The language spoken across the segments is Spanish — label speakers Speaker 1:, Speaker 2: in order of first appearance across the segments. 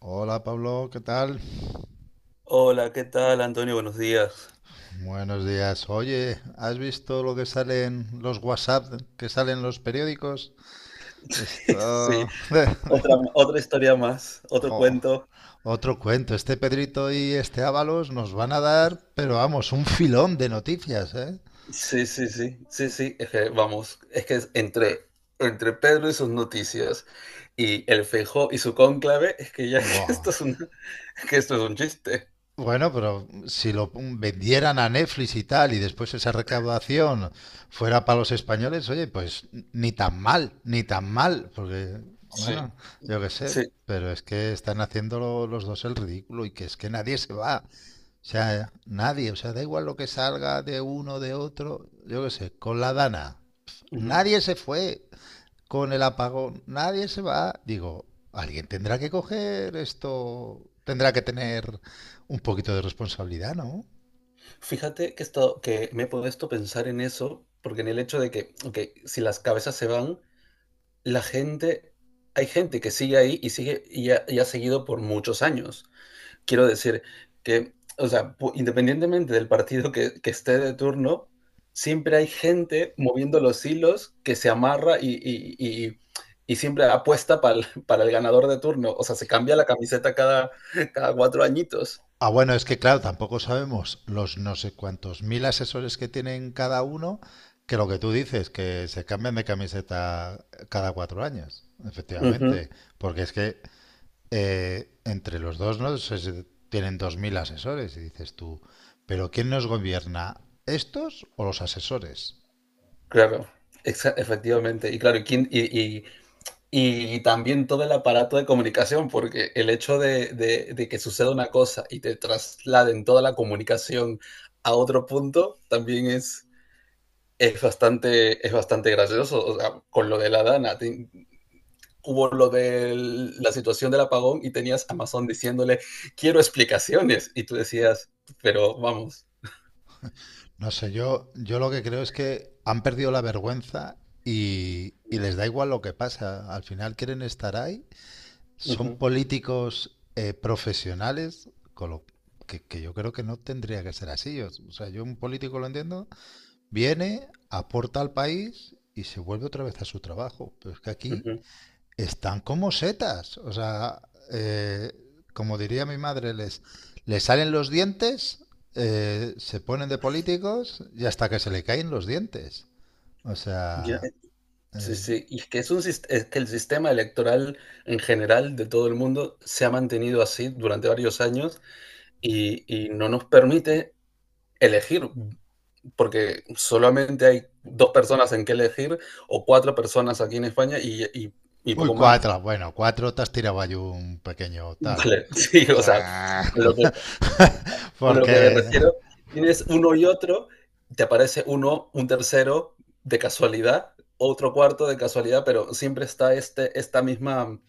Speaker 1: Hola Pablo, ¿qué tal?
Speaker 2: Hola, ¿qué tal, Antonio? Buenos días.
Speaker 1: Buenos días. Oye, ¿has visto lo que salen los WhatsApp, que salen los periódicos?
Speaker 2: Sí,
Speaker 1: Esto...
Speaker 2: otra historia más, otro
Speaker 1: Jo,
Speaker 2: cuento.
Speaker 1: otro cuento. Este Pedrito y este Ábalos nos van a dar, pero vamos, un filón de noticias, ¿eh?
Speaker 2: Sí, sí, sí, sí, sí, es que vamos, es que es entre Pedro y sus noticias y el Feijó y su cónclave, es que ya
Speaker 1: Buah.
Speaker 2: que esto es un chiste.
Speaker 1: Bueno, pero si lo vendieran a Netflix y tal, y después esa recaudación fuera para los españoles, oye, pues ni tan mal, ni tan mal, porque,
Speaker 2: Sí,
Speaker 1: bueno, yo qué sé,
Speaker 2: sí.
Speaker 1: pero es que están haciendo los dos el ridículo y que es que nadie se va, o sea, nadie, o sea, da igual lo que salga de uno, de otro, yo qué sé, con la Dana,
Speaker 2: Ujú.
Speaker 1: nadie se fue, con el apagón, nadie se va. Digo, alguien tendrá que coger esto, tendrá que tener un poquito de responsabilidad, ¿no?
Speaker 2: Fíjate que, esto, que me he puesto a pensar en eso, porque en el hecho de que, ok, si las cabezas se van, la gente, hay gente que sigue ahí y ha seguido por muchos años. Quiero decir que, o sea, pu independientemente del partido que esté de turno, siempre hay gente moviendo los hilos que se amarra y y siempre apuesta para para el ganador de turno. O sea, se cambia la camiseta cada 4 añitos.
Speaker 1: Ah, bueno, es que claro, tampoco sabemos los no sé cuántos mil asesores que tienen cada uno, que lo que tú dices, que se cambian de camiseta cada 4 años,
Speaker 2: Ujú,
Speaker 1: efectivamente, porque es que entre los dos no se tienen 2000 asesores y dices tú, pero ¿quién nos gobierna? ¿Estos o los asesores?
Speaker 2: claro, exa efectivamente. Y claro, y quién y también todo el aparato de comunicación, porque el hecho de que suceda una cosa y te trasladen toda la comunicación a otro punto, también es bastante gracioso. O sea, con lo de la Dana, hubo lo de la situación del apagón y tenías Amazon diciéndole, quiero explicaciones. Y tú decías, pero vamos.
Speaker 1: No sé, yo lo que creo es que han perdido la vergüenza y les da igual lo que pasa. Al final quieren estar ahí. Son
Speaker 2: Ujú,
Speaker 1: políticos profesionales, con lo que yo creo que no tendría que ser así. O sea, yo un político lo entiendo. Viene, aporta al país y se vuelve otra vez a su trabajo. Pero es que aquí
Speaker 2: ujú.
Speaker 1: están como setas. O sea, eh, como diría mi madre, les salen los dientes, se ponen de políticos y hasta que se le caen los dientes. O
Speaker 2: Ya,
Speaker 1: sea...
Speaker 2: sí,
Speaker 1: eh,
Speaker 2: sí, y es que, es que el sistema electoral en general de todo el mundo se ha mantenido así durante varios años y no nos permite elegir. Porque solamente hay dos personas en que elegir o cuatro personas aquí en España y, y
Speaker 1: uy,
Speaker 2: poco más.
Speaker 1: cuatro. Bueno, cuatro te has tirado ahí un pequeño tal. O
Speaker 2: Vale, sí, o sea,
Speaker 1: sea,
Speaker 2: lo, que, a lo que me
Speaker 1: porque
Speaker 2: refiero, tienes uno y otro, te aparece uno, un tercero de casualidad, otro cuarto de casualidad, pero siempre está esta misma,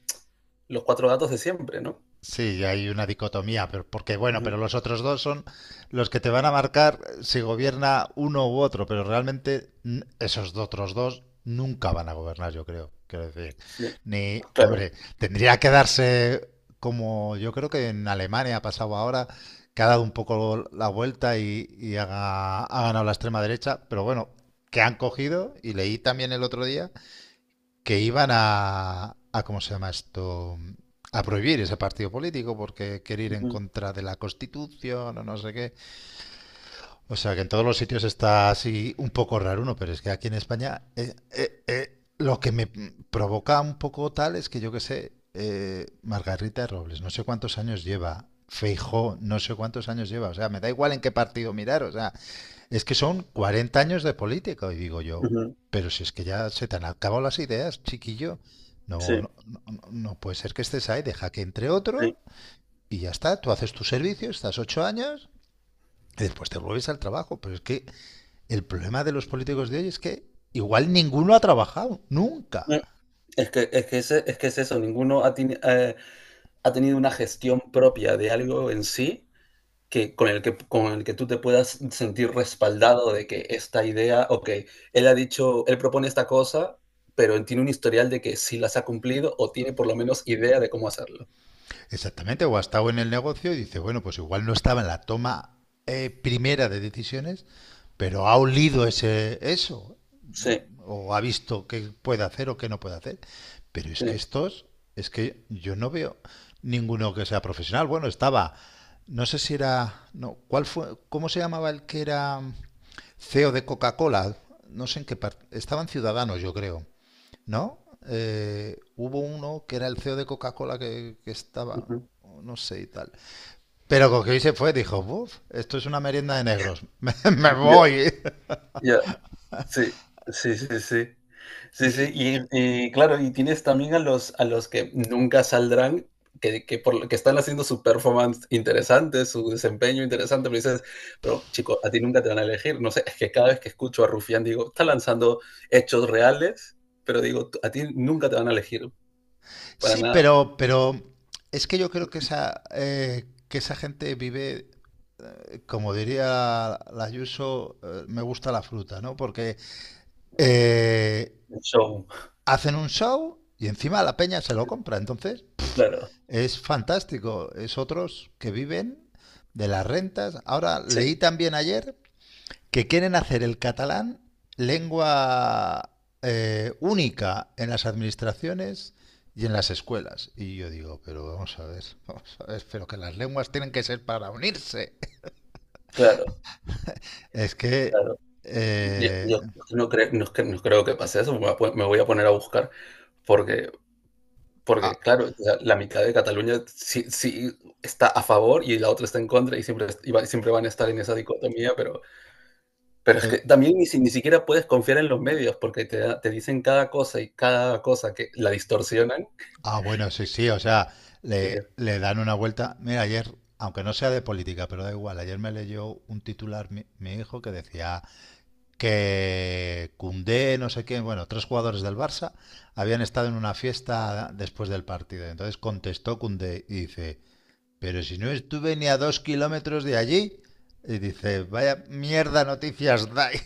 Speaker 2: los cuatro datos de siempre, ¿no?
Speaker 1: sí, hay una dicotomía, pero porque
Speaker 2: Uh
Speaker 1: bueno, pero
Speaker 2: -huh.
Speaker 1: los otros dos son los que te van a marcar si gobierna uno u otro, pero realmente esos otros dos nunca van a gobernar, yo creo. Quiero decir,
Speaker 2: Sí,
Speaker 1: ni,
Speaker 2: claro.
Speaker 1: hombre, tendría que darse como yo creo que en Alemania ha pasado ahora, que ha dado un poco la vuelta y ha ganado la extrema derecha, pero bueno, que han cogido, y leí también el otro día que iban a, ¿cómo se llama esto? A prohibir ese partido político porque quiere ir
Speaker 2: Uh
Speaker 1: en
Speaker 2: -huh.
Speaker 1: contra de la Constitución o no sé qué. O sea que en todos los sitios está así un poco raro uno, pero es que aquí en España lo que me provoca un poco tal es que yo que sé, Margarita Robles, no sé cuántos años lleva. Feijóo no sé cuántos años lleva, o sea, me da igual en qué partido mirar, o sea, es que son 40 años de política. Y digo
Speaker 2: Uh
Speaker 1: yo,
Speaker 2: -huh.
Speaker 1: pero si es que ya se te han acabado las ideas, chiquillo, no,
Speaker 2: Sí,
Speaker 1: no, no, no puede ser que estés ahí, deja que entre
Speaker 2: sí.
Speaker 1: otro y ya está, tú haces tu servicio, estás 8 años y después te vuelves al trabajo. Pero es que el problema de los políticos de hoy es que igual ninguno ha trabajado, nunca.
Speaker 2: Mm, es que, es que es eso, ha tenido una gestión propia de algo en sí con el que tú te puedas sentir respaldado de que esta idea, ok, él ha dicho, él propone esta cosa, pero tiene un historial de que sí las ha cumplido o tiene por lo menos idea de cómo hacerlo.
Speaker 1: Exactamente, o ha estado en el negocio y dice, bueno, pues igual no estaba en la toma primera de decisiones, pero ha olido eso,
Speaker 2: Sí,
Speaker 1: o ha visto qué puede hacer o qué no puede hacer. Pero es que
Speaker 2: sí.
Speaker 1: estos, es que yo no veo ninguno que sea profesional. Bueno, estaba, no sé si era, no, ¿cuál fue? ¿Cómo se llamaba el que era CEO de Coca-Cola? No sé en qué parte, estaban ciudadanos, yo creo, ¿no? Hubo uno que era el CEO de Coca-Cola que estaba, no
Speaker 2: Ujú.
Speaker 1: no sé y tal. Pero con Coquí se fue, dijo, buf, esto es una merienda de negros, me
Speaker 2: Ya, uh -huh. ya. Yeah,
Speaker 1: voy.
Speaker 2: yeah. Sí, sí, sí, sí. Sí, sí,
Speaker 1: Y,
Speaker 2: y claro, y tienes también a a los que nunca saldrán, lo que están haciendo su performance interesante, su desempeño interesante, pero dices, pero chico, a ti nunca te van a elegir. No sé, es que cada vez que escucho a Rufián digo, está lanzando hechos reales, pero digo, a ti nunca te van a elegir para
Speaker 1: sí,
Speaker 2: nada.
Speaker 1: pero es que yo creo que esa gente vive, como diría la Yuso, me gusta la fruta, ¿no? Porque eh,
Speaker 2: Un show.
Speaker 1: hacen un show y encima la peña se lo
Speaker 2: Sí,
Speaker 1: compra. Entonces
Speaker 2: claro,
Speaker 1: es fantástico. Es otros que viven de las rentas. Ahora
Speaker 2: sí,
Speaker 1: leí también ayer que quieren hacer el catalán lengua única en las administraciones y en las escuelas. Y yo digo, pero vamos a ver, vamos a ver, pero que las lenguas tienen que ser para unirse.
Speaker 2: claro,
Speaker 1: Es que...
Speaker 2: claro. Yo,
Speaker 1: eh,
Speaker 2: yo- yo no, creo, no, cre- no creo que pase eso, me voy a poner a buscar, porque porque,
Speaker 1: ah,
Speaker 2: claro, o sea, la mitad de Cataluña sí está a favor y la otra está en contra y siempre es- y va siempre van a estar en esa dicotomía, pero es
Speaker 1: eh,
Speaker 2: que también ni siquiera puedes confiar en los medios porque te dicen cada cosa y cada cosa que la distorsionan,
Speaker 1: bueno, sí, sí, o sea,
Speaker 2: eh,
Speaker 1: le dan una vuelta. Mira, ayer, aunque no sea de política, pero da igual, ayer me leyó un titular mi hijo que decía, que Cundé, no sé quién, bueno, tres jugadores del Barça habían estado en una fiesta después del partido. Entonces contestó Cundé y dice, pero si no estuve ni a 2 kilómetros de allí. Y dice, vaya mierda noticias dais.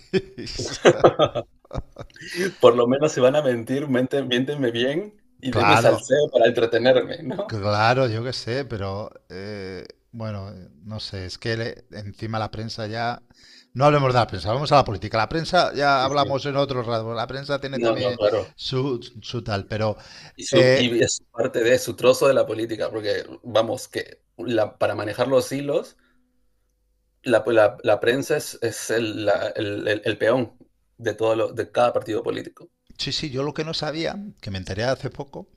Speaker 2: por lo menos si van a mentir, mienten miéntenme bien y denme
Speaker 1: Claro,
Speaker 2: salseo para entretenerme, ¿no?
Speaker 1: claro, yo qué sé, pero bueno, no sé, es que encima la prensa ya... No hablemos de la prensa, vamos a la política. La prensa ya
Speaker 2: Sí, sí.
Speaker 1: hablamos en otro rato, la prensa tiene
Speaker 2: No, no,
Speaker 1: también
Speaker 2: claro.
Speaker 1: su tal, pero
Speaker 2: Y su
Speaker 1: eh,
Speaker 2: y Es su parte de su trozo de la política, porque, vamos, que la para manejar los hilos la prensa es el, la- el peón de, de cada partido político.
Speaker 1: sí, sí, yo lo que no sabía, que me enteré hace poco,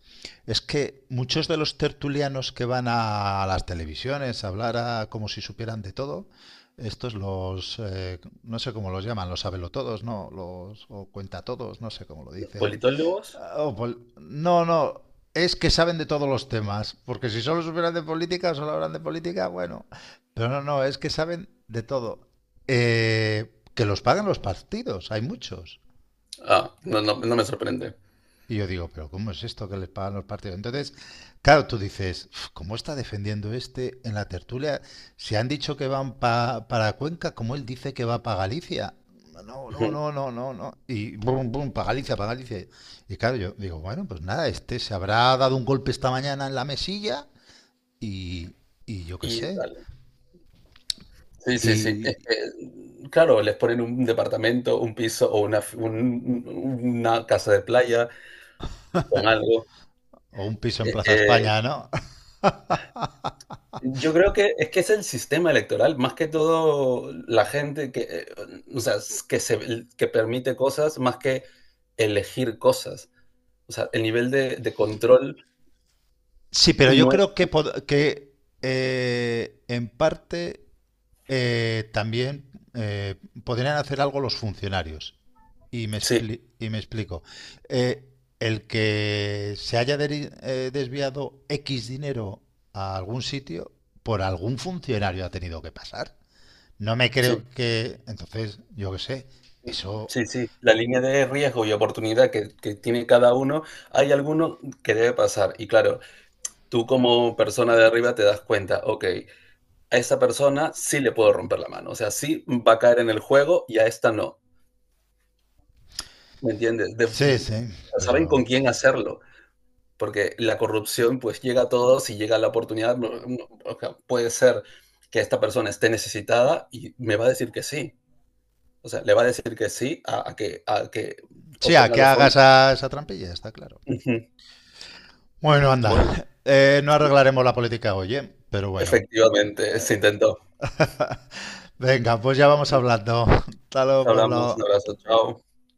Speaker 1: es que muchos de los tertulianos que van a las televisiones a hablar como si supieran de todo, estos los, no sé cómo los llaman, los sabelotodos, ¿no? Los, o cuentatodos, no sé cómo lo dicen.
Speaker 2: ¿Politólogos?
Speaker 1: Ah, oh, no, no, es que saben de todos los temas, porque si solo supieran de política, solo hablan de política, bueno, pero no, no, es que saben de todo. Que los pagan los partidos, hay muchos.
Speaker 2: Ah, no, no, no me sorprende.
Speaker 1: Y yo digo, pero ¿cómo es esto que les pagan los partidos? Entonces, claro, tú dices, "Uf, ¿cómo está defendiendo este en la tertulia? Si han dicho que van para Cuenca, ¿cómo él dice que va para Galicia? No, no,
Speaker 2: Ujú.
Speaker 1: no, no, no, no. Y bum, bum, para Galicia, para Galicia. Y claro, yo digo, bueno, pues nada, este se habrá dado un golpe esta mañana en la mesilla y, y yo qué
Speaker 2: Y
Speaker 1: sé.
Speaker 2: dale. Sí, sí, sí. Es
Speaker 1: Y,
Speaker 2: que, claro, les ponen un departamento, un piso o una casa de playa con algo.
Speaker 1: o un piso en
Speaker 2: Es
Speaker 1: Plaza
Speaker 2: que
Speaker 1: España, ¿no?
Speaker 2: yo creo que es el sistema electoral, más que todo la gente que, o sea, que permite cosas, más que elegir cosas. O sea, el nivel de control
Speaker 1: Sí, pero yo
Speaker 2: no es
Speaker 1: creo que, que en parte también podrían hacer algo los funcionarios. Y
Speaker 2: sí,
Speaker 1: y me explico. Eh, el que se haya desviado X dinero a algún sitio, por algún funcionario ha tenido que pasar. No me
Speaker 2: sí,
Speaker 1: creo que... Entonces, yo qué sé, eso...
Speaker 2: sí, sí, la línea de riesgo y oportunidad que tiene cada uno, hay alguno que debe pasar. Y claro, tú como persona de arriba te das cuenta, okey, a esa persona sí le puedo romper la mano, o sea, sí va a caer en el juego y a esta no, ¿me entiendes? Def
Speaker 1: Sí, sí,
Speaker 2: saben con
Speaker 1: pero...
Speaker 2: quién hacerlo, porque la corrupción, pues, llega a todos y llega la oportunidad, o sea, puede ser que esta persona esté necesitada y me va a decir que sí. O sea, le va a decir que sí a que
Speaker 1: Sí, a
Speaker 2: obtenga
Speaker 1: que
Speaker 2: los
Speaker 1: hagas
Speaker 2: fondos.
Speaker 1: esa trampilla, está claro.
Speaker 2: Ujú.
Speaker 1: Bueno,
Speaker 2: Bueno,
Speaker 1: anda. No
Speaker 2: sí,
Speaker 1: arreglaremos la política hoy, ¿eh? Pero bueno.
Speaker 2: efectivamente, se intentó.
Speaker 1: Venga, pues ya vamos
Speaker 2: Sí,
Speaker 1: hablando. Hasta
Speaker 2: nos
Speaker 1: luego,
Speaker 2: hablamos, un abrazo,
Speaker 1: Pablo.
Speaker 2: chao.